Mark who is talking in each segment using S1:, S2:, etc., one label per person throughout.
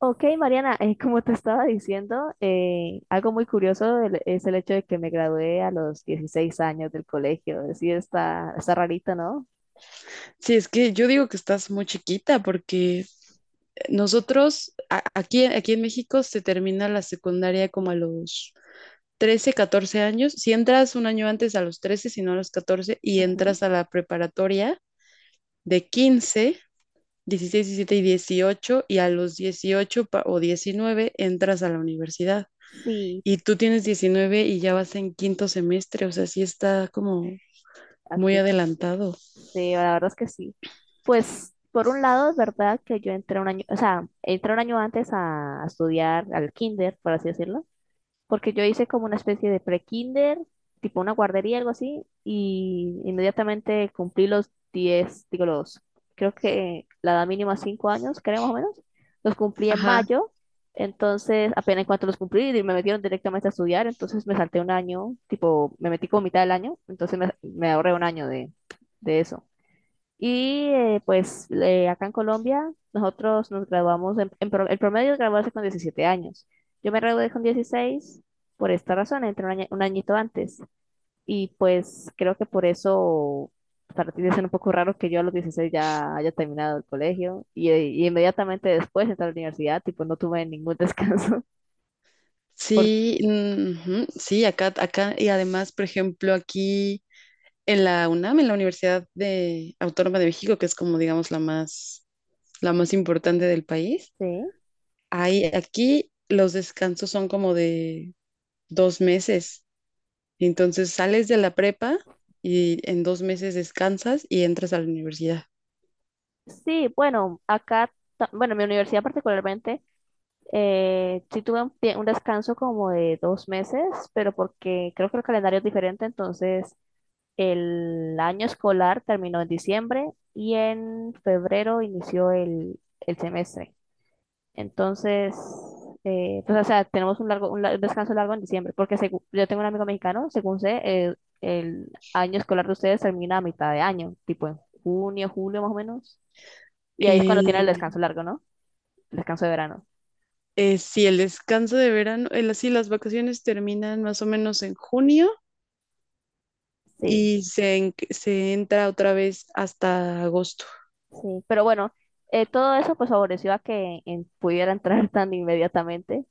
S1: Ok, Mariana, como te estaba diciendo, algo muy curioso es el hecho de que me gradué a los 16 años del colegio. Sí, está rarito, ¿no?
S2: Sí, es que yo digo que estás muy chiquita porque nosotros aquí en México se termina la secundaria como a los 13, 14 años. Si entras un año antes a los 13, si no a los 14, y
S1: Ujú.
S2: entras a la preparatoria de 15, 16, 17 y 18, y a los 18 o 19 entras a la universidad.
S1: Sí,
S2: Y tú tienes 19 y ya vas en quinto semestre, o sea, sí está como muy
S1: ok.
S2: adelantado.
S1: Sí, la verdad es que sí. Pues por un lado es verdad que yo entré un año, o sea, entré un año antes a estudiar al kinder, por así decirlo, porque yo hice como una especie de pre-kinder, tipo una guardería, algo así, y inmediatamente cumplí los 10 digo los, creo que la edad mínima 5 años, creo más o menos, los cumplí en
S2: Ajá.
S1: mayo, entonces apenas en cuanto los cumplí me metieron directamente a estudiar, entonces me salté un año, tipo, me metí como mitad del año, entonces me ahorré un año de eso. Y pues acá en Colombia, nosotros nos graduamos, el promedio de graduarse con 17 años. Yo me gradué con 16 por esta razón, entré un añito antes. Y pues creo que por eso para ti debe ser un poco raro que yo a los 16 ya haya terminado el colegio y inmediatamente después entré a la universidad, tipo no tuve ningún descanso. ¿Por
S2: Sí, ujú, sí, acá, y además, por ejemplo, aquí en la UNAM, en la Universidad de Autónoma de México, que es como, digamos, la más importante del país. Aquí los descansos son como de 2 meses. Entonces sales de la prepa y en 2 meses descansas y entras a la universidad.
S1: Sí, bueno, acá, bueno, en mi universidad particularmente. Sí tuve un descanso como de 2 meses, pero porque creo que el calendario es diferente, entonces el año escolar terminó en diciembre y en febrero inició el semestre. Entonces, pues, o sea, tenemos un descanso largo en diciembre, porque yo tengo un amigo mexicano, según sé, el año escolar de ustedes termina a mitad de año, tipo en junio, julio más o menos, y ahí es cuando tiene el
S2: Eh,
S1: descanso largo, ¿no? El descanso de verano.
S2: sí, el descanso de verano, sí, las vacaciones terminan más o menos en junio
S1: Sí.
S2: y se entra otra vez hasta agosto.
S1: Sí, pero bueno, todo eso pues favoreció a que pudiera entrar tan inmediatamente.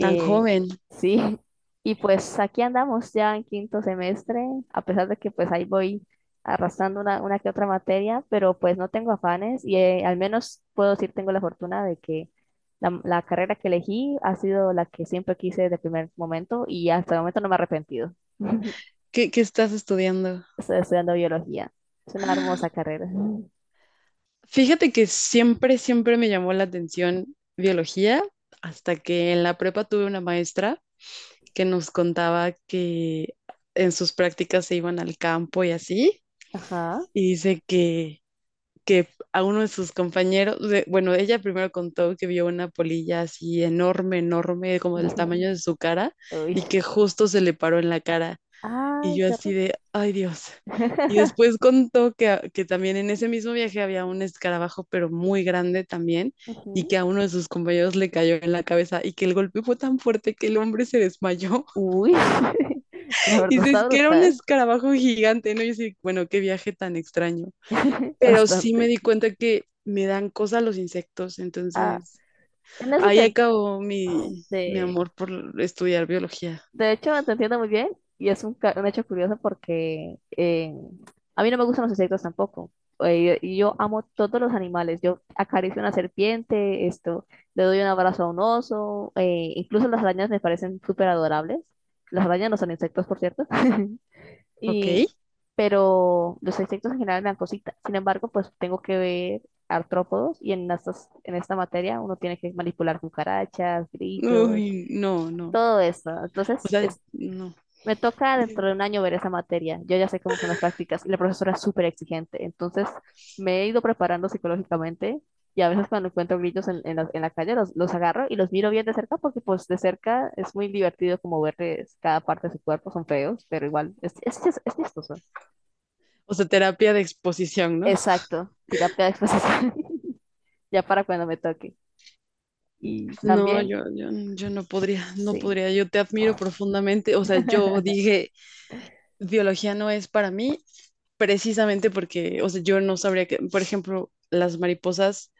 S2: Tan joven.
S1: sí, y pues aquí andamos ya en quinto semestre, a pesar de que pues ahí voy arrastrando una que otra materia, pero pues no tengo afanes y al menos puedo decir tengo la fortuna de que la carrera que elegí ha sido la que siempre quise desde el primer momento y hasta el momento no me he arrepentido.
S2: ¿Qué estás estudiando?
S1: Estoy estudiando biología. Es una hermosa carrera.
S2: Fíjate que siempre, siempre me llamó la atención biología, hasta que en la prepa tuve una maestra que nos contaba que en sus prácticas se iban al campo y así.
S1: Ajá.
S2: Y dice que a uno de sus compañeros, bueno, ella primero contó que vio una polilla así enorme, enorme, como del tamaño de su cara,
S1: Uy.
S2: y que justo se le paró en la cara.
S1: Ah,
S2: Y yo
S1: qué
S2: así
S1: horror.
S2: de: ay, Dios. Y después contó que, que también en ese mismo viaje había un escarabajo, pero muy grande también, y
S1: Ujú.
S2: que a uno de sus compañeros le cayó en la cabeza y que el golpe fue tan fuerte que el hombre se desmayó.
S1: Uy, la
S2: Y
S1: verdad está
S2: dices que era un
S1: brutal.
S2: escarabajo gigante, ¿no? Y yo así: bueno, qué viaje tan extraño. Pero sí me
S1: Bastante.
S2: di cuenta que me dan cosa los insectos,
S1: Ah,
S2: entonces
S1: en eso
S2: ahí
S1: te,
S2: acabó mi
S1: de,
S2: amor por estudiar biología.
S1: de hecho te entiendo muy bien y es un hecho curioso porque a mí no me gustan los insectos tampoco. Y yo amo todos los animales. Yo acaricio una serpiente, esto, le doy un abrazo a un oso, incluso las arañas me parecen súper adorables. Las arañas no son insectos, por cierto.
S2: ¿Ok?
S1: Y, pero los insectos en general me dan cositas. Sin embargo, pues tengo que ver artrópodos y en esta materia uno tiene que manipular cucarachas, grillos,
S2: Uy, no, no.
S1: todo eso.
S2: O
S1: Entonces,
S2: sea, no.
S1: me toca dentro de un año ver esa materia. Yo ya sé cómo son las prácticas y la profesora es súper exigente. Entonces, me he ido preparando psicológicamente y a veces cuando encuentro grillos en la calle los agarro y los miro bien de cerca porque pues de cerca es muy divertido como verles cada parte de su cuerpo. Son feos, pero igual es chistoso.
S2: O sea, terapia de exposición, ¿no?
S1: Exacto, terapia de exposición, ya para cuando me toque. Y
S2: No,
S1: también,
S2: yo no podría, no
S1: sí.
S2: podría. Yo te admiro profundamente. O sea, yo dije, biología no es para mí, precisamente porque, o sea, yo no sabría que, por ejemplo, las mariposas,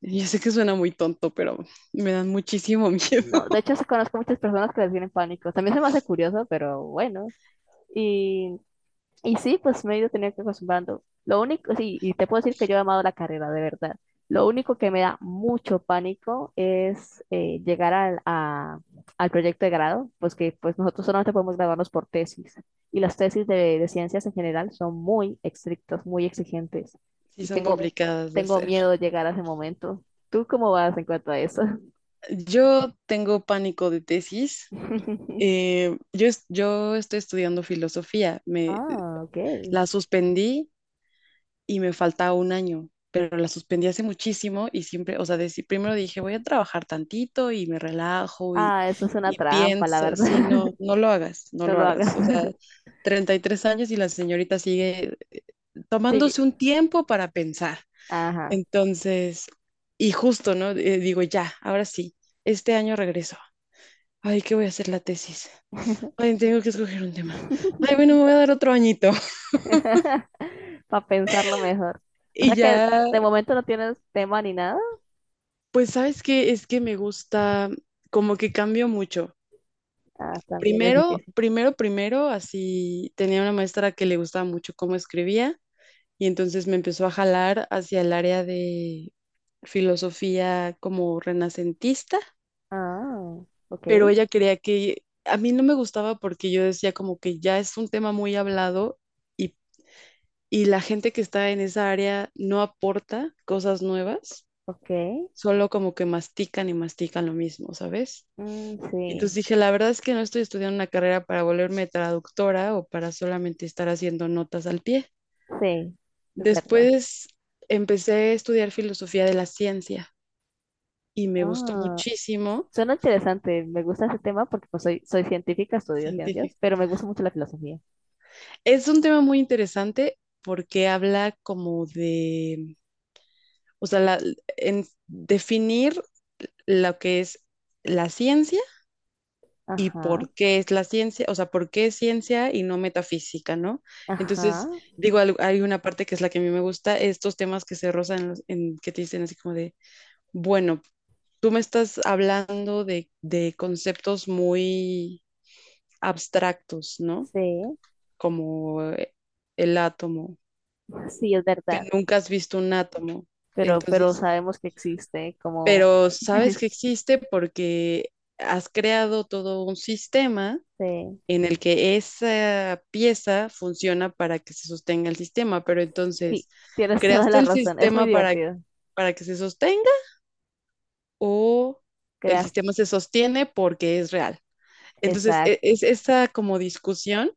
S2: yo sé que suena muy tonto, pero me dan muchísimo miedo.
S1: No, de hecho, conozco muchas personas que les tienen pánico. También se me hace curioso, pero bueno. Y Y sí, pues me he ido teniendo que acostumbrando. Lo único, sí, y te puedo decir que yo he amado la carrera, de verdad. Lo único que me da mucho pánico es llegar al proyecto de grado, pues que pues nosotros solamente podemos graduarnos por tesis. Y las tesis de ciencias en general son muy estrictas, muy exigentes.
S2: Sí,
S1: Y
S2: son
S1: tengo,
S2: complicadas de
S1: tengo
S2: hacer.
S1: miedo de llegar a ese momento. ¿Tú cómo vas en cuanto a eso?
S2: Yo tengo pánico de tesis. Yo estoy estudiando filosofía. Me
S1: Ah, ok.
S2: la suspendí y me falta un año, pero la suspendí hace muchísimo y siempre, o sea, primero dije: voy a trabajar tantito y me relajo, y,
S1: Ah, eso es una
S2: y
S1: trampa, la
S2: pienso,
S1: verdad.
S2: sí, no, no lo hagas, no
S1: No
S2: lo
S1: lo hagas.
S2: hagas. O sea, 33 años y la señorita sigue
S1: Sí.
S2: tomándose un tiempo para pensar.
S1: Ajá.
S2: Entonces, y justo, ¿no? Digo, ya, ahora sí, este año regreso. Ay, ¿qué voy a hacer la tesis? Ay, tengo que escoger un tema. Ay, bueno, me voy a dar otro añito.
S1: Para pensarlo mejor. O
S2: Y
S1: sea que
S2: ya.
S1: de momento no tienes tema ni nada.
S2: Pues sabes que es que me gusta, como que cambio mucho.
S1: Ah, también es
S2: Primero,
S1: difícil.
S2: primero, primero, así tenía una maestra que le gustaba mucho cómo escribía, y entonces me empezó a jalar hacia el área de filosofía como renacentista,
S1: Ah, ok,
S2: pero ella quería que, a mí no me gustaba porque yo decía como que ya es un tema muy hablado, y, y la gente que está en esa área no aporta cosas nuevas,
S1: ok.
S2: solo como que mastican y mastican lo mismo, ¿sabes?
S1: Mm,
S2: Entonces
S1: sí,
S2: dije, la verdad es que no estoy estudiando una carrera para volverme traductora o para solamente estar haciendo notas al pie.
S1: sí, es verdad.
S2: Después empecé a estudiar filosofía de la ciencia y me gustó
S1: Ah,
S2: muchísimo.
S1: suena interesante. Me gusta ese tema porque pues, soy científica, estudio
S2: Científico.
S1: ciencias, pero me gusta mucho la filosofía.
S2: Es un tema muy interesante porque habla como de, o sea, en definir lo que es la ciencia y
S1: Ajá,
S2: por qué es la ciencia, o sea, por qué es ciencia y no metafísica, ¿no?
S1: ajá,
S2: Entonces, digo, hay una parte que es la que a mí me gusta, estos temas que se rozan, que te dicen así como de: bueno, tú me estás hablando de conceptos muy abstractos, ¿no?
S1: sí,
S2: Como el átomo,
S1: sí, es
S2: que
S1: verdad.
S2: nunca has visto un átomo.
S1: Pero
S2: Entonces,
S1: sabemos que existe como
S2: pero sabes que existe porque has creado todo un sistema
S1: Sí.
S2: en el que esa pieza funciona para que se sostenga el sistema, pero
S1: Sí,
S2: entonces,
S1: tienes toda
S2: ¿creaste
S1: la
S2: el
S1: razón. Es muy
S2: sistema para,
S1: divertido.
S2: para que se sostenga, o el
S1: Creas,
S2: sistema se sostiene porque es real? Entonces,
S1: exacto.
S2: esa como discusión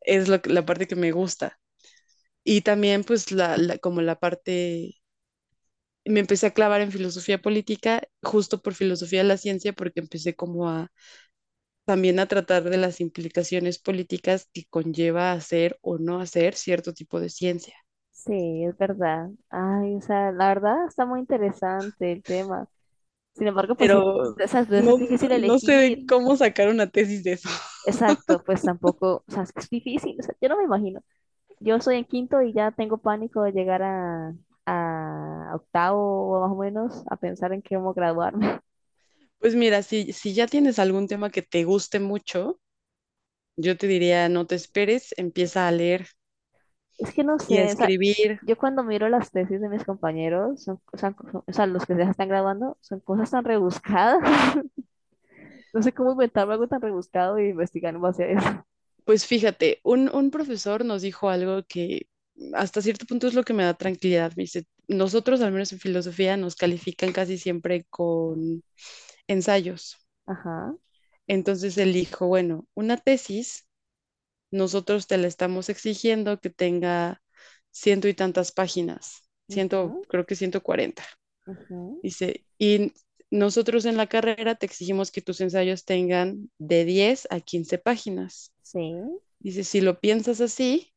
S2: es la parte que me gusta. Y también, pues, como la parte, me empecé a clavar en filosofía política, justo por filosofía de la ciencia, porque empecé como también a tratar de las implicaciones políticas que conlleva hacer o no hacer cierto tipo de ciencia.
S1: Sí, es verdad. Ay, o sea, la verdad está muy interesante el tema. Sin embargo, pues sí,
S2: Pero
S1: exacto,
S2: no,
S1: es difícil
S2: no sé de
S1: elegir.
S2: cómo sacar una tesis de eso.
S1: Exacto, pues tampoco, o sea, es que es difícil. O sea, yo no me imagino. Yo soy en quinto y ya tengo pánico de llegar a octavo o más o menos a pensar en cómo graduarme.
S2: Pues mira, si ya tienes algún tema que te guste mucho, yo te diría, no te esperes, empieza a leer
S1: Es que no
S2: y a
S1: sé, o sea,
S2: escribir.
S1: yo cuando miro las tesis de mis compañeros, o sea, los que ya se están graduando, son cosas tan rebuscadas. No sé cómo inventarme algo tan rebuscado y investigar en base a eso.
S2: Pues fíjate, un profesor nos dijo algo que hasta cierto punto es lo que me da tranquilidad. Me dice, nosotros, al menos en filosofía, nos califican casi siempre con ensayos.
S1: Ajá.
S2: Entonces él dijo, bueno, una tesis, nosotros te la estamos exigiendo que tenga ciento y tantas páginas, ciento,
S1: Ujú,
S2: creo que 140.
S1: ujú,
S2: Dice, y nosotros en la carrera te exigimos que tus ensayos tengan de 10 a 15 páginas.
S1: sí,
S2: Dice, si lo piensas así,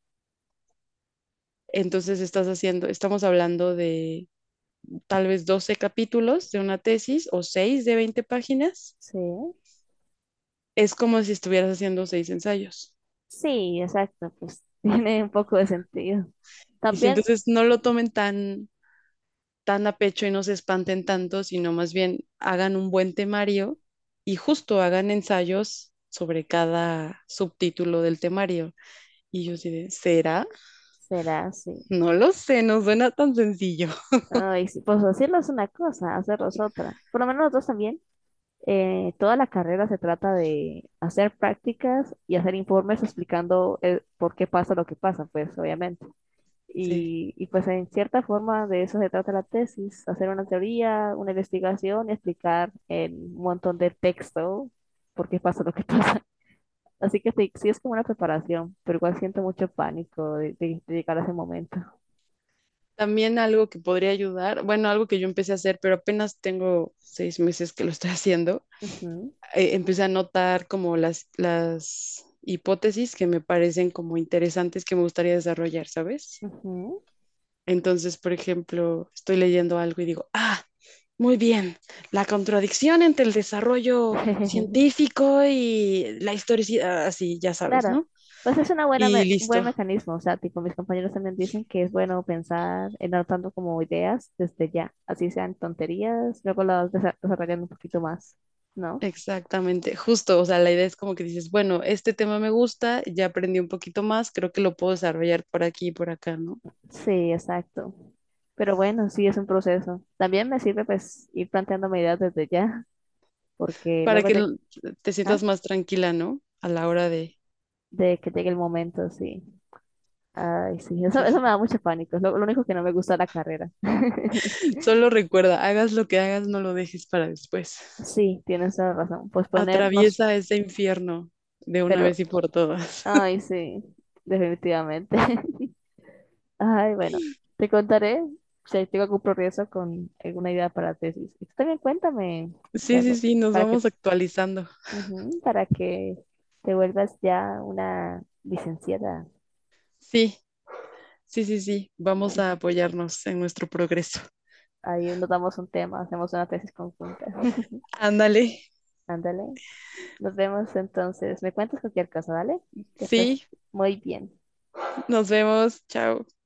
S2: entonces estás haciendo, estamos hablando de tal vez 12 capítulos de una tesis o 6 de 20 páginas.
S1: sí.
S2: Es como si estuvieras haciendo 6 ensayos.
S1: Sí, exacto, pues tiene un poco de sentido.
S2: Dice,
S1: También
S2: entonces no lo tomen tan tan a pecho y no se espanten tanto, sino más bien hagan un buen temario y justo hagan ensayos sobre cada subtítulo del temario. Y yo diré, ¿será?
S1: será así.
S2: No lo sé, no suena tan sencillo.
S1: Ay, sí, pues decirlo es una cosa, hacerlo es otra. Por lo menos nosotros también. Toda la carrera se trata de hacer prácticas y hacer informes explicando por qué pasa lo que pasa, pues obviamente.
S2: Sí.
S1: Y pues en cierta forma de eso se trata la tesis, hacer una teoría, una investigación y explicar en un montón de texto por qué pasa lo que pasa. Así que sí, sí es como una preparación, pero igual siento mucho pánico de llegar a ese momento.
S2: También algo que podría ayudar, bueno, algo que yo empecé a hacer, pero apenas tengo 6 meses que lo estoy haciendo,
S1: Ujú,
S2: empecé a notar como las hipótesis que me parecen como interesantes que me gustaría desarrollar, ¿sabes?
S1: ujú.
S2: Entonces, por ejemplo, estoy leyendo algo y digo: ah, muy bien, la contradicción entre el desarrollo científico y la historicidad, así, ya sabes,
S1: Claro,
S2: ¿no?
S1: pues es una
S2: Y
S1: buen
S2: listo,
S1: mecanismo, o sea, tipo mis compañeros también dicen que es bueno pensar en adoptando como ideas desde ya, así sean tonterías, luego las desarrollan un poquito más, ¿no?
S2: exactamente, justo, o sea, la idea es como que dices, bueno, este tema me gusta, ya aprendí un poquito más, creo que lo puedo desarrollar por aquí y por acá, ¿no?
S1: Sí, exacto. Pero bueno, sí es un proceso. También me sirve pues ir planteándome ideas desde ya, porque
S2: Para
S1: luego
S2: que te
S1: ah,
S2: sientas más tranquila, ¿no? A la hora de...
S1: de que llegue el momento, sí. Ay, sí, eso,
S2: Sí,
S1: eso me
S2: sí.
S1: da mucho pánico, es lo único que no me gusta de la carrera.
S2: Solo recuerda, hagas lo que hagas, no lo dejes para después.
S1: Sí, tienes toda la razón. Pues ponernos,
S2: Atraviesa ese infierno de una
S1: pero
S2: vez y por todas.
S1: Ay, sí, definitivamente. Ay, bueno, te contaré si tengo algún progreso con alguna idea para tesis. Y tú también cuéntame qué
S2: Sí, sí,
S1: hago
S2: sí, nos
S1: para que,
S2: vamos actualizando.
S1: para que te vuelvas ya una licenciada.
S2: Sí, sí, sí, sí, vamos a apoyarnos en nuestro progreso.
S1: Ahí nos damos un tema, hacemos una tesis conjunta.
S2: Ándale.
S1: Ándale, nos vemos entonces. Me cuentas cualquier cosa, ¿vale? Que estés
S2: Sí,
S1: muy bien.
S2: nos vemos. Chao.